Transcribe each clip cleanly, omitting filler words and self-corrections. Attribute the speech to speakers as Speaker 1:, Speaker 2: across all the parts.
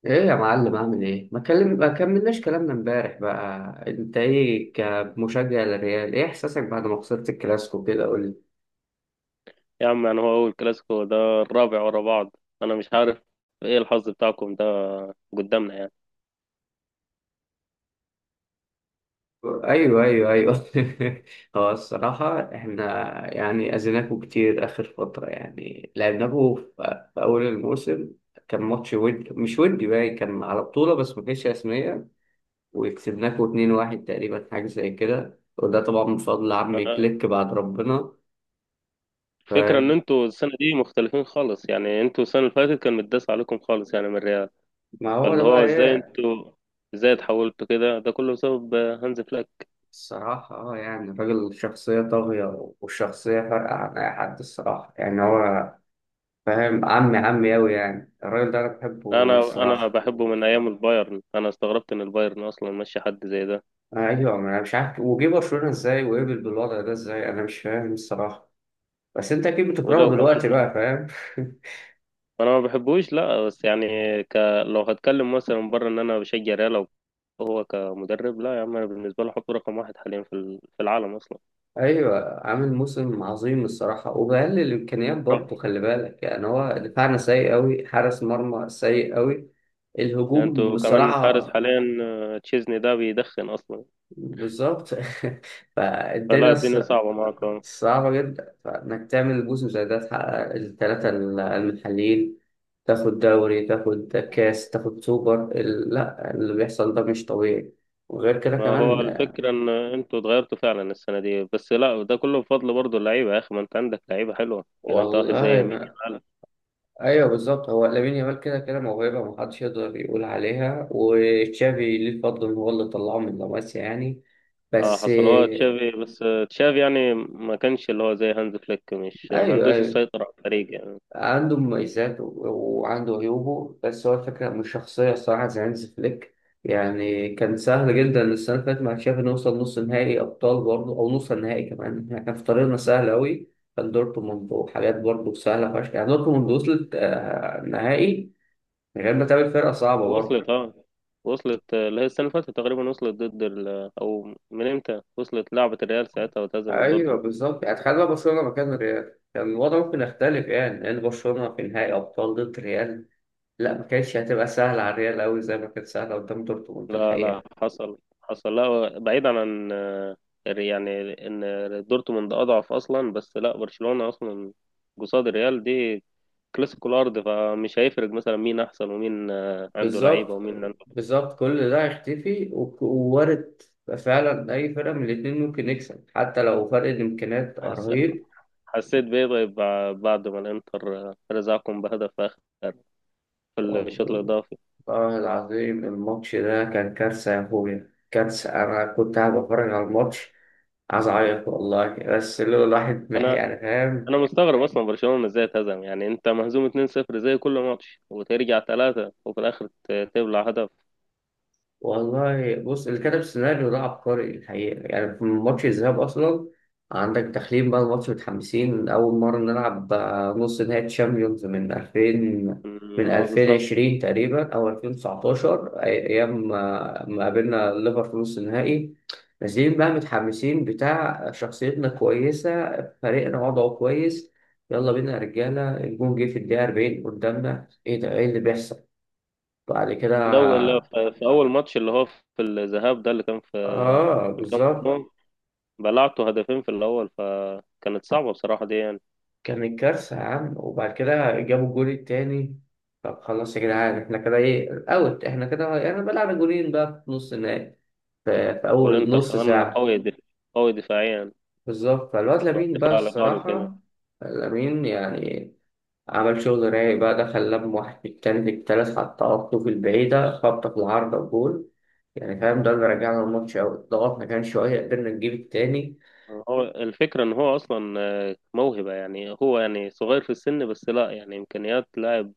Speaker 1: ايه يا معلم اعمل ايه؟ ما كلم ما كملناش كلامنا امبارح بقى. انت ايه كمشجع للريال؟ ايه احساسك بعد ما خسرت الكلاسيكو كده؟ قول لي.
Speaker 2: يا عم، يعني هو أول كلاسيكو؟ ده الرابع ورا بعض. أنا مش عارف إيه الحظ بتاعكم ده قدامنا يعني.
Speaker 1: ايوه، ايوه، ايوه. هو الصراحه احنا يعني اذيناكوا كتير اخر فتره، يعني لعبناكوا في اول الموسم. كان ماتش ودي مش ودي، باين كان على بطوله بس ما كانتش رسميه، وكسبناكوا 2-1 تقريبا، حاجه زي كده، وده طبعا من فضل عمي
Speaker 2: آه،
Speaker 1: كليك بعد ربنا.
Speaker 2: الفكرة إن
Speaker 1: ف-
Speaker 2: أنتوا السنة دي مختلفين خالص، يعني أنتوا السنة اللي فاتت كان متداس عليكم خالص يعني من الريال.
Speaker 1: ما هو ده
Speaker 2: فاللي هو
Speaker 1: بقى ايه.
Speaker 2: إزاي اتحولتوا كده؟ ده كله بسبب هانز فليك.
Speaker 1: الصراحة اه، يعني الراجل شخصية طاغية، والشخصية فارقة عن أي حد الصراحة، يعني هو فاهم. عمي عمي أوي يعني الراجل ده، أنا بحبه
Speaker 2: أنا
Speaker 1: الصراحة.
Speaker 2: بحبه من أيام البايرن. أنا استغربت إن البايرن أصلا ماشي حد زي ده.
Speaker 1: أيوة، ما أنا مش عارف وجه برشلونة إزاي وقبل بالوضع ده إزاي، أنا مش فاهم الصراحة. بس أنت أكيد
Speaker 2: ولو
Speaker 1: بتكرهه
Speaker 2: كمان
Speaker 1: دلوقتي بقى، فاهم.
Speaker 2: انا ما بحبوش، لا بس يعني ك... لو هتكلم مثلا من بره ان انا بشجع ريال، هو كمدرب، لا يا عم، انا بالنسبه له حط رقم واحد حاليا في العالم اصلا.
Speaker 1: أيوة، عامل موسم عظيم الصراحة، وبقلل الإمكانيات
Speaker 2: طب
Speaker 1: برضه، خلي بالك. يعني هو دفاعنا سيء أوي، حارس مرمى سيء أوي،
Speaker 2: يعني
Speaker 1: الهجوم
Speaker 2: انتوا كمان
Speaker 1: بصراحة
Speaker 2: الحارس حاليا، تشيزني ده بيدخن اصلا.
Speaker 1: بالظبط.
Speaker 2: فلا
Speaker 1: فالدنيا
Speaker 2: الدنيا صعبه معاكم.
Speaker 1: صعبة جدا، فإنك تعمل جزء زي ده، تحقق الثلاثة المحليين، تاخد دوري، تاخد كاس، تاخد سوبر، لا، اللي بيحصل ده مش طبيعي. وغير كده
Speaker 2: ما هو
Speaker 1: كمان
Speaker 2: الفكره ان انتوا اتغيرتوا فعلا السنه دي، بس لا ده كله بفضل برضه اللعيبه يا اخي. ما انت عندك لعيبه حلوه، يعني انت واحد زي
Speaker 1: والله
Speaker 2: يمين
Speaker 1: ما...
Speaker 2: يامال.
Speaker 1: أيوه بالظبط. هو لامين يامال كده كده موهبة محدش يقدر يقول عليها، وتشافي ليه الفضل إن هو اللي طلعه من لاماسيا يعني،
Speaker 2: اه
Speaker 1: بس
Speaker 2: حصلوها
Speaker 1: أيوه.
Speaker 2: تشافي، بس تشافي يعني ما كانش اللي هو زي هانز فليك، مش ما عندوش
Speaker 1: أيوه،
Speaker 2: السيطره على الفريق يعني.
Speaker 1: عنده مميزات وعنده عيوبه، بس هو الفكرة من الشخصية الصراحة زي هانز فليك. يعني كان سهل جدا السنة اللي فاتت مع تشافي نوصل نص نهائي أبطال برضه، أو نص نهائي كمان احنا كان في طريقنا سهل أوي، كان دورتموند وحاجات برضه سهلة فشخ. يعني دورتموند وصلت نهائي من غير ما تقابل فرقة صعبة برضه.
Speaker 2: وصلت اه وصلت اللي هي السنة اللي فاتت تقريبا وصلت ضد أو من إمتى وصلت لعبة الريال ساعتها وتهزم
Speaker 1: أيوه
Speaker 2: دورتموند.
Speaker 1: بالظبط، يعني تخيل بقى برشلونة مكان الريال كان الوضع ممكن يختلف، يعني لأن برشلونة في نهائي أبطال ضد ريال، لا ما كانتش هتبقى سهلة على الريال أوي زي ما كانت سهلة قدام دورتموند
Speaker 2: لا لا،
Speaker 1: الحقيقة.
Speaker 2: حصل حصل، لا بعيدا عن يعني إن دورتموند أضعف أصلا، بس لا برشلونة أصلا قصاد الريال. دي كلاسيكو الأرض، فمش هيفرق مثلا مين أحسن ومين عنده لعيبة
Speaker 1: بالظبط،
Speaker 2: ومين عنده فلوس.
Speaker 1: بالظبط، كل ده هيختفي ووارد فعلا أي فرقة من الاتنين ممكن يكسب، حتى لو فرق الإمكانيات
Speaker 2: حس...
Speaker 1: رهيب.
Speaker 2: حسيت بإيه طيب بعد ما الإنتر رزعكم بهدف آخر في الشوط
Speaker 1: والله
Speaker 2: الإضافي؟
Speaker 1: العظيم الماتش ده كان كارثة يا أخويا، كارثة. أنا كنت قاعد بتفرج على الماتش عايز أعيط والله، بس اللي هو الواحد
Speaker 2: أنا
Speaker 1: يعني فاهم.
Speaker 2: انا مستغرب اصلا برشلونة ازاي اتهزم، يعني انت مهزوم 2-0 زي كل ماتش وترجع 3 وفي الاخر تبلع هدف.
Speaker 1: والله بص، اللي كتب السيناريو ده عبقري الحقيقة، يعني في ماتش الذهاب أصلا عندك تحليل بقى. الماتش متحمسين، أول مرة نلعب نص نهائي تشامبيونز من 2000، من
Speaker 2: اه بالظبط.
Speaker 1: 2020 تقريبا أو 2019، أيام ما قابلنا الليفر في نص النهائي. نازلين بقى متحمسين بتاع، شخصيتنا كويسة، فريقنا وضعه كويس، يلا بينا يا رجالة. الجون جه في الدقيقة 40 قدامنا، إيه ده؟ إيه اللي بيحصل بعد كده؟
Speaker 2: لو في اول ماتش اللي هو في الذهاب ده اللي كان في
Speaker 1: اه
Speaker 2: في الكامب
Speaker 1: بالظبط.
Speaker 2: نو بلعته هدفين في الاول، فكانت صعبة بصراحة دي يعني.
Speaker 1: كانت كارثة يا عم، وبعد كده جابوا الجول التاني. طب خلاص يا جدعان، احنا كده ايه اوت، احنا كده انا بلعب جولين بقى في نص النهائي في أول
Speaker 2: والانتر
Speaker 1: نص
Speaker 2: كمان
Speaker 1: ساعة.
Speaker 2: قوي قوي دفاعيا،
Speaker 1: بالظبط. فالواد لامين بقى
Speaker 2: الدفاع الايطالي وكده.
Speaker 1: الصراحة، لامين يعني عمل شغل رايق بقى، دخل لم واحد في التاني في التالت، حط في البعيدة خبطة في العارضة وجول. يعني فاهم، ده اللي رجعنا الماتش أوي، ضغطنا كان شوية، قدرنا نجيب التاني.
Speaker 2: هو الفكرة ان هو اصلا موهبة، يعني هو يعني صغير في السن، بس لا يعني امكانيات لاعب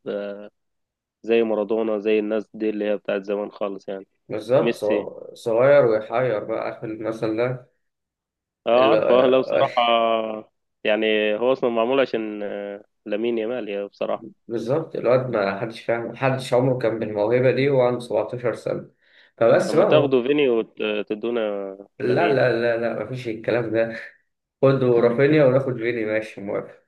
Speaker 2: زي مارادونا زي الناس دي اللي هي بتاعت زمان خالص يعني.
Speaker 1: بالظبط.
Speaker 2: ميسي.
Speaker 1: صغير ويحير بقى آخر المثل
Speaker 2: اه عارفه لو
Speaker 1: ده.
Speaker 2: بصراحة، يعني هو اصلا معمول عشان لامين يامال يا بصراحة.
Speaker 1: بالظبط. الواد ما حدش فاهم، محدش عمره كان بالموهبة دي وهو عنده 17 سنة. فبس
Speaker 2: لما
Speaker 1: بقى هو،
Speaker 2: تاخدوا فيني وتدونا
Speaker 1: لا
Speaker 2: لامين.
Speaker 1: لا لا لا، مفيش الكلام ده. خد رافينيا وناخد فيني، ماشي موافق.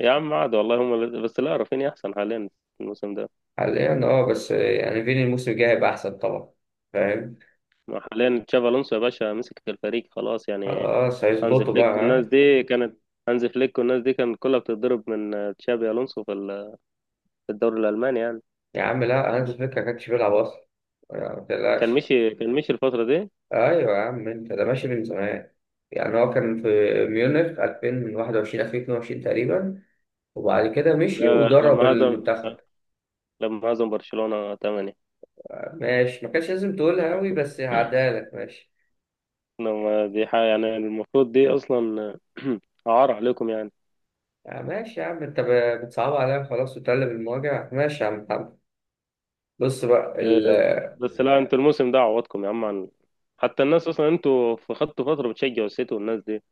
Speaker 2: يا عم عاد والله بس لا رافينيا احسن حاليا الموسم ده.
Speaker 1: حاليا اه، بس يعني فيني الموسم الجاي هيبقى أحسن طبعا، فاهم.
Speaker 2: ما حاليا تشافي الونسو يا باشا مسك الفريق خلاص يعني.
Speaker 1: خلاص
Speaker 2: هانز
Speaker 1: هيظبطوا بقى،
Speaker 2: فليك والناس
Speaker 1: ها؟
Speaker 2: دي كانت هانز فليك والناس دي كانت كلها بتتضرب من تشابي الونسو في الدوري الالماني يعني.
Speaker 1: يا عم لا، هانز فليك ما كانش بيلعب أصلا، يعني ما
Speaker 2: كان
Speaker 1: تقلقش.
Speaker 2: مشي كان مشي الفترة دي.
Speaker 1: أيوة يا عم، أنت ده ماشي من زمان، يعني هو كان في ميونخ 2021 2022 تقريبا، وبعد كده مشي
Speaker 2: لا لا،
Speaker 1: ودرب
Speaker 2: لما هزم
Speaker 1: المنتخب.
Speaker 2: لما هزم برشلونة 8.
Speaker 1: ماشي، ما كانش لازم تقولها أوي، بس هعديها لك ماشي.
Speaker 2: لما دي حاجة يعني المفروض دي أصلا عار عليكم يعني.
Speaker 1: آه ماشي يا عم، أنت بتصعب عليا خلاص وتقلب المواجع، ماشي يا عم محمد. بص بقى
Speaker 2: إيه، بس لا انتوا الموسم ده عوضكم يا عم عن حتى الناس أصلا. انتوا في خدتوا فترة بتشجعوا السيتي والناس دي،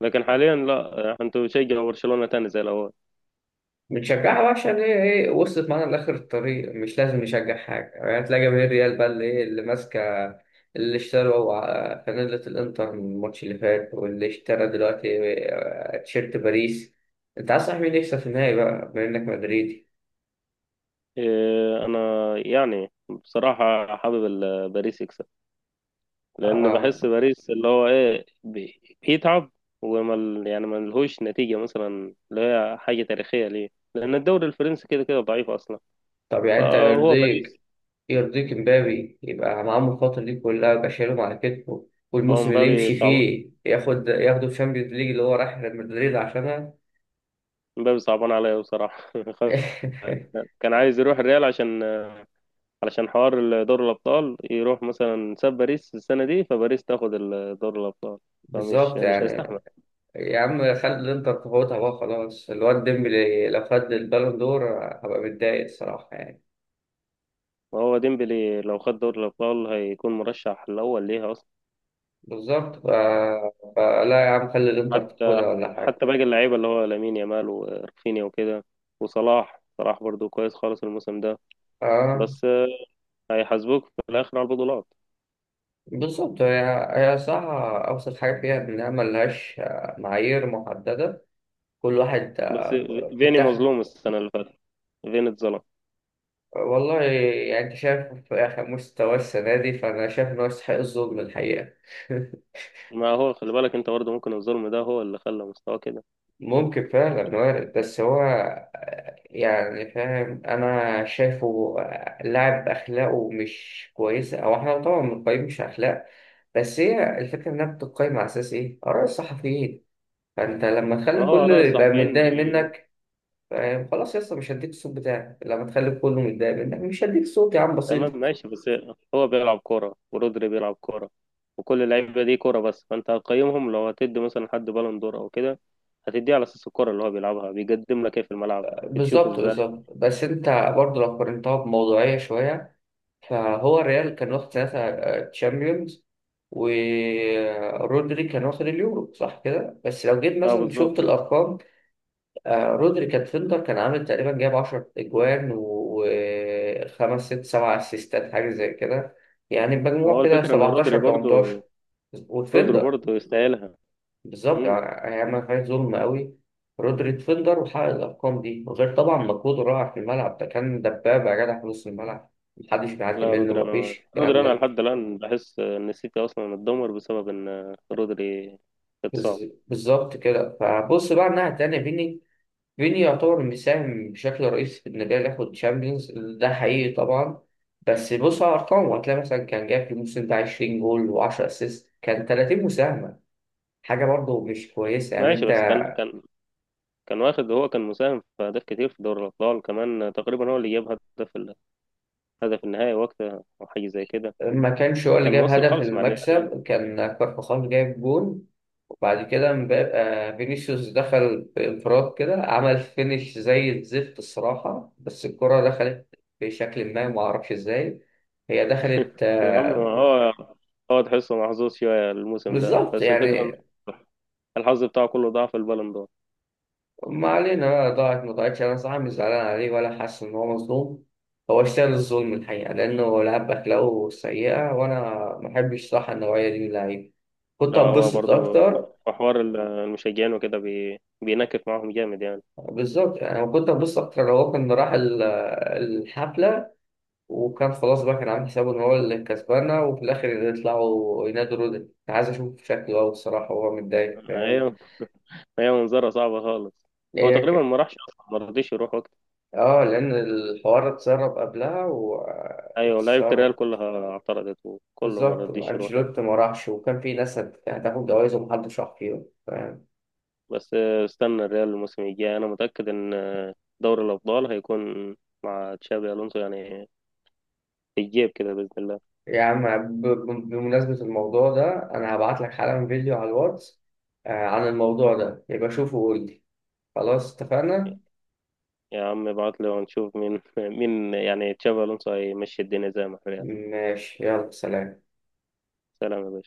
Speaker 2: لكن حاليا لا، انتوا بتشجعوا برشلونة تاني زي الأول.
Speaker 1: بنشجعها بقى عشان هي إيه، وصلت معانا لآخر الطريق، مش لازم نشجع حاجة. يعني تلاقي جماهير ريال بقى اللي إيه اللي ماسكة، اللي اشتروا فانيلة الإنتر من الماتش اللي فات، واللي اشترى دلوقتي تيشيرت باريس. أنت عايز صاحبي مين يكسب في النهائي بقى بما إنك مدريدي؟
Speaker 2: إيه، أنا يعني بصراحة حابب باريس يكسب، لأن
Speaker 1: آه،
Speaker 2: بحس باريس اللي هو إيه بيتعب وما يعني ما لهوش نتيجة مثلا اللي هي حاجة تاريخية ليه، لأن الدوري الفرنسي كده كده ضعيف أصلا.
Speaker 1: طب يعني أنت
Speaker 2: فهو باريس.
Speaker 1: يرضيك، يرضيك امبابي يبقى معاهم الفترة دي كلها، يبقى شايلهم على كتفه،
Speaker 2: هو
Speaker 1: والموسم اللي يمشي فيه ياخد، ياخده الشامبيونز ليج اللي هو رايح ريال مدريد عشانها؟
Speaker 2: مبابي صعبان عليا بصراحة كان عايز يروح الريال علشان حوار دور الأبطال، يروح مثلا ساب باريس السنة دي فباريس تاخد دور الأبطال. فمش
Speaker 1: بالظبط
Speaker 2: مش
Speaker 1: يعني.
Speaker 2: هيستحمل.
Speaker 1: يا عم خلي الانتر تفوتها بقى خلاص، الواد ديمبلي لو خد البالون دور هبقى متضايق الصراحة يعني.
Speaker 2: وهو ديمبلي لو خد دور الأبطال هيكون مرشح الأول ليها أصلا.
Speaker 1: بالظبط فلا يا عم خلي الانتر
Speaker 2: حتى
Speaker 1: تاخدها ولا حاجة.
Speaker 2: حتى باقي اللعيبة اللي هو لامين يامال ورفينيا وكده، وصلاح صلاح برضو كويس خالص الموسم ده.
Speaker 1: اه
Speaker 2: بس هيحاسبوك في الآخر على البطولات.
Speaker 1: بالظبط، هي هي صح. أوسط حاجة فيها إنها ملهاش معايير محددة. كل واحد
Speaker 2: بس فيني
Speaker 1: بتاخد.
Speaker 2: مظلوم السنة اللي فاتت، فيني اتظلم.
Speaker 1: والله يعني انت شايف في مستوى السنة دي، فأنا شايف إن هو يستحق الظلم الحقيقة.
Speaker 2: ما هو خلي بالك انت برضه ممكن الظلم ده هو اللي خلى مستواه كده.
Speaker 1: ممكن فعلا وارد، بس هو يعني فاهم، أنا شايفه لاعب أخلاقه مش كويسة. أو إحنا طبعا بنقيم مش أخلاق، بس هي الفكرة إنها بتقيم على أساس إيه؟ آراء الصحفيين. فأنت لما
Speaker 2: ما
Speaker 1: تخلي
Speaker 2: هو
Speaker 1: كله
Speaker 2: رأي
Speaker 1: يبقى
Speaker 2: الصحفيين
Speaker 1: متضايق
Speaker 2: بي...
Speaker 1: منك، فاهم؟ خلاص يا اسطى مش هديك الصوت بتاعك، لما تخلي كله متضايق منك مش هديك صوت يا عم، بسيط.
Speaker 2: تمام ماشي بس. هو بيلعب كورة ورودري بيلعب كورة، وكل اللعيبة دي كورة، بس فانت هتقيمهم لو هتدي مثلا حد بالون دور او كده، هتديه على اساس الكورة اللي هو بيلعبها، بيقدم لك ايه في الملعب، بتشوفه
Speaker 1: بالظبط،
Speaker 2: ازاي؟
Speaker 1: بالظبط، بس انت برضه لو قارنتها بموضوعية شوية، فهو الريال كان واخد ساعتها تشامبيونز، ورودري كان واخد اليورو صح كده، بس لو جيت
Speaker 2: اه
Speaker 1: مثلا شفت
Speaker 2: بالظبط.
Speaker 1: الارقام، رودري كان فيلدر، كان عامل تقريبا جايب 10 اجوان وخمس ست سبع اسيستات حاجه زي كده، يعني
Speaker 2: ما
Speaker 1: بمجموع
Speaker 2: هو
Speaker 1: كده
Speaker 2: الفكرة ان رودري
Speaker 1: 17 18
Speaker 2: برضه
Speaker 1: وفيلدر.
Speaker 2: يستاهلها.
Speaker 1: بالظبط،
Speaker 2: مم.
Speaker 1: يعني هي ما فيهاش ظلم قوي. رودري ديفندر وحقق الارقام دي، وغير طبعا مجهوده الرائع في الملعب، ده كان دبابه يا جدع في نص الملعب، محدش بيعدي
Speaker 2: لا
Speaker 1: منه،
Speaker 2: رودري، انا
Speaker 1: مفيش الكلام ده.
Speaker 2: لحد الان بحس ان السيتي اصلا اتدمر بسبب ان رودري اتصاب.
Speaker 1: بالظبط كده. فبص بقى الناحيه التانيه فيني، فيني يعتبر مساهم بشكل رئيسي في ان الريال ياخد تشامبيونز ده، حقيقي طبعا. بس بص على ارقامه هتلاقي مثلا كان جايب في الموسم ده 20 جول و10 اسيست، كان 30 مساهمه، حاجه برضه مش كويسه يعني
Speaker 2: ماشي
Speaker 1: انت.
Speaker 2: بس كان واخد، هو كان مساهم في أهداف كتير في دوري الأبطال كمان، تقريبا هو اللي جاب هدف ال- هدف النهائي وقتها أو حاجة زي كده.
Speaker 1: ما كانش هو اللي
Speaker 2: فكان
Speaker 1: جاب
Speaker 2: مؤثر
Speaker 1: هدف
Speaker 2: خالص مع الريال يعني.
Speaker 1: المكسب، كان كارفاخال جايب جون. وبعد كده فينيسيوس دخل بانفراد كده، عمل فينش زي الزفت الصراحة، بس الكرة دخلت بشكل ما اعرفش ازاي، هي دخلت
Speaker 2: يا عم هو تحسه محظوظ شوية الموسم ده،
Speaker 1: بالظبط
Speaker 2: بس الفكرة إن
Speaker 1: يعني.
Speaker 2: الحظ بتاعه كله ضاع في البالون دور.
Speaker 1: ما علينا بقى، ضاعت ما ضاعتش انا صراحة مش زعلان عليه، ولا حاسس ان هو مظلوم. هو اشتغل الظلم الحقيقة لأنه لعب بأخلاقه سيئة، وأنا ما بحبش صح النوعية دي من اللعيبة، كنت
Speaker 2: لا هو
Speaker 1: هتبسط
Speaker 2: برضه
Speaker 1: أكتر.
Speaker 2: في حوار المشجعين وكده بينكف معاهم جامد يعني.
Speaker 1: بالظبط يعني. انا كنت هبص اكتر لو هو كان راح الحفله، وكان خلاص بقى كان عامل حسابه ان هو اللي كسبانه، وفي الاخر يطلعوا ينادوا رودن، انا عايز اشوف شكله قوي الصراحه وهو متضايق، فاهم.
Speaker 2: أيوة، هي منظرة صعبة خالص. هو
Speaker 1: هي
Speaker 2: تقريبا
Speaker 1: ك-
Speaker 2: ما راحش أصلا، ما رضيش يروح وقت.
Speaker 1: اه، لان الحوار اتسرب قبلها
Speaker 2: أيوة، لعيبة
Speaker 1: واتسرب.
Speaker 2: الريال كلها اعترضت وكله ما
Speaker 1: بالظبط،
Speaker 2: رضيش يروح.
Speaker 1: انشيلوتي ما راحش، وكان في ناس هتاخد جوائز ومحدش راح فيهم، فاهم.
Speaker 2: بس استنى الريال الموسم الجاي، انا متأكد ان دوري الابطال هيكون مع تشابي الونسو يعني في الجيب كده باذن الله.
Speaker 1: يا عم بمناسبه الموضوع ده انا هبعت لك حالا فيديو على الواتس عن الموضوع ده، يبقى شوفه وقول لي. خلاص اتفقنا.
Speaker 2: يا عم ابعت لي ونشوف مين مين يعني تشابي الونسو هيمشي الدنيا زي ما الريال.
Speaker 1: ماشي يلا سلام.
Speaker 2: سلام يا باشا.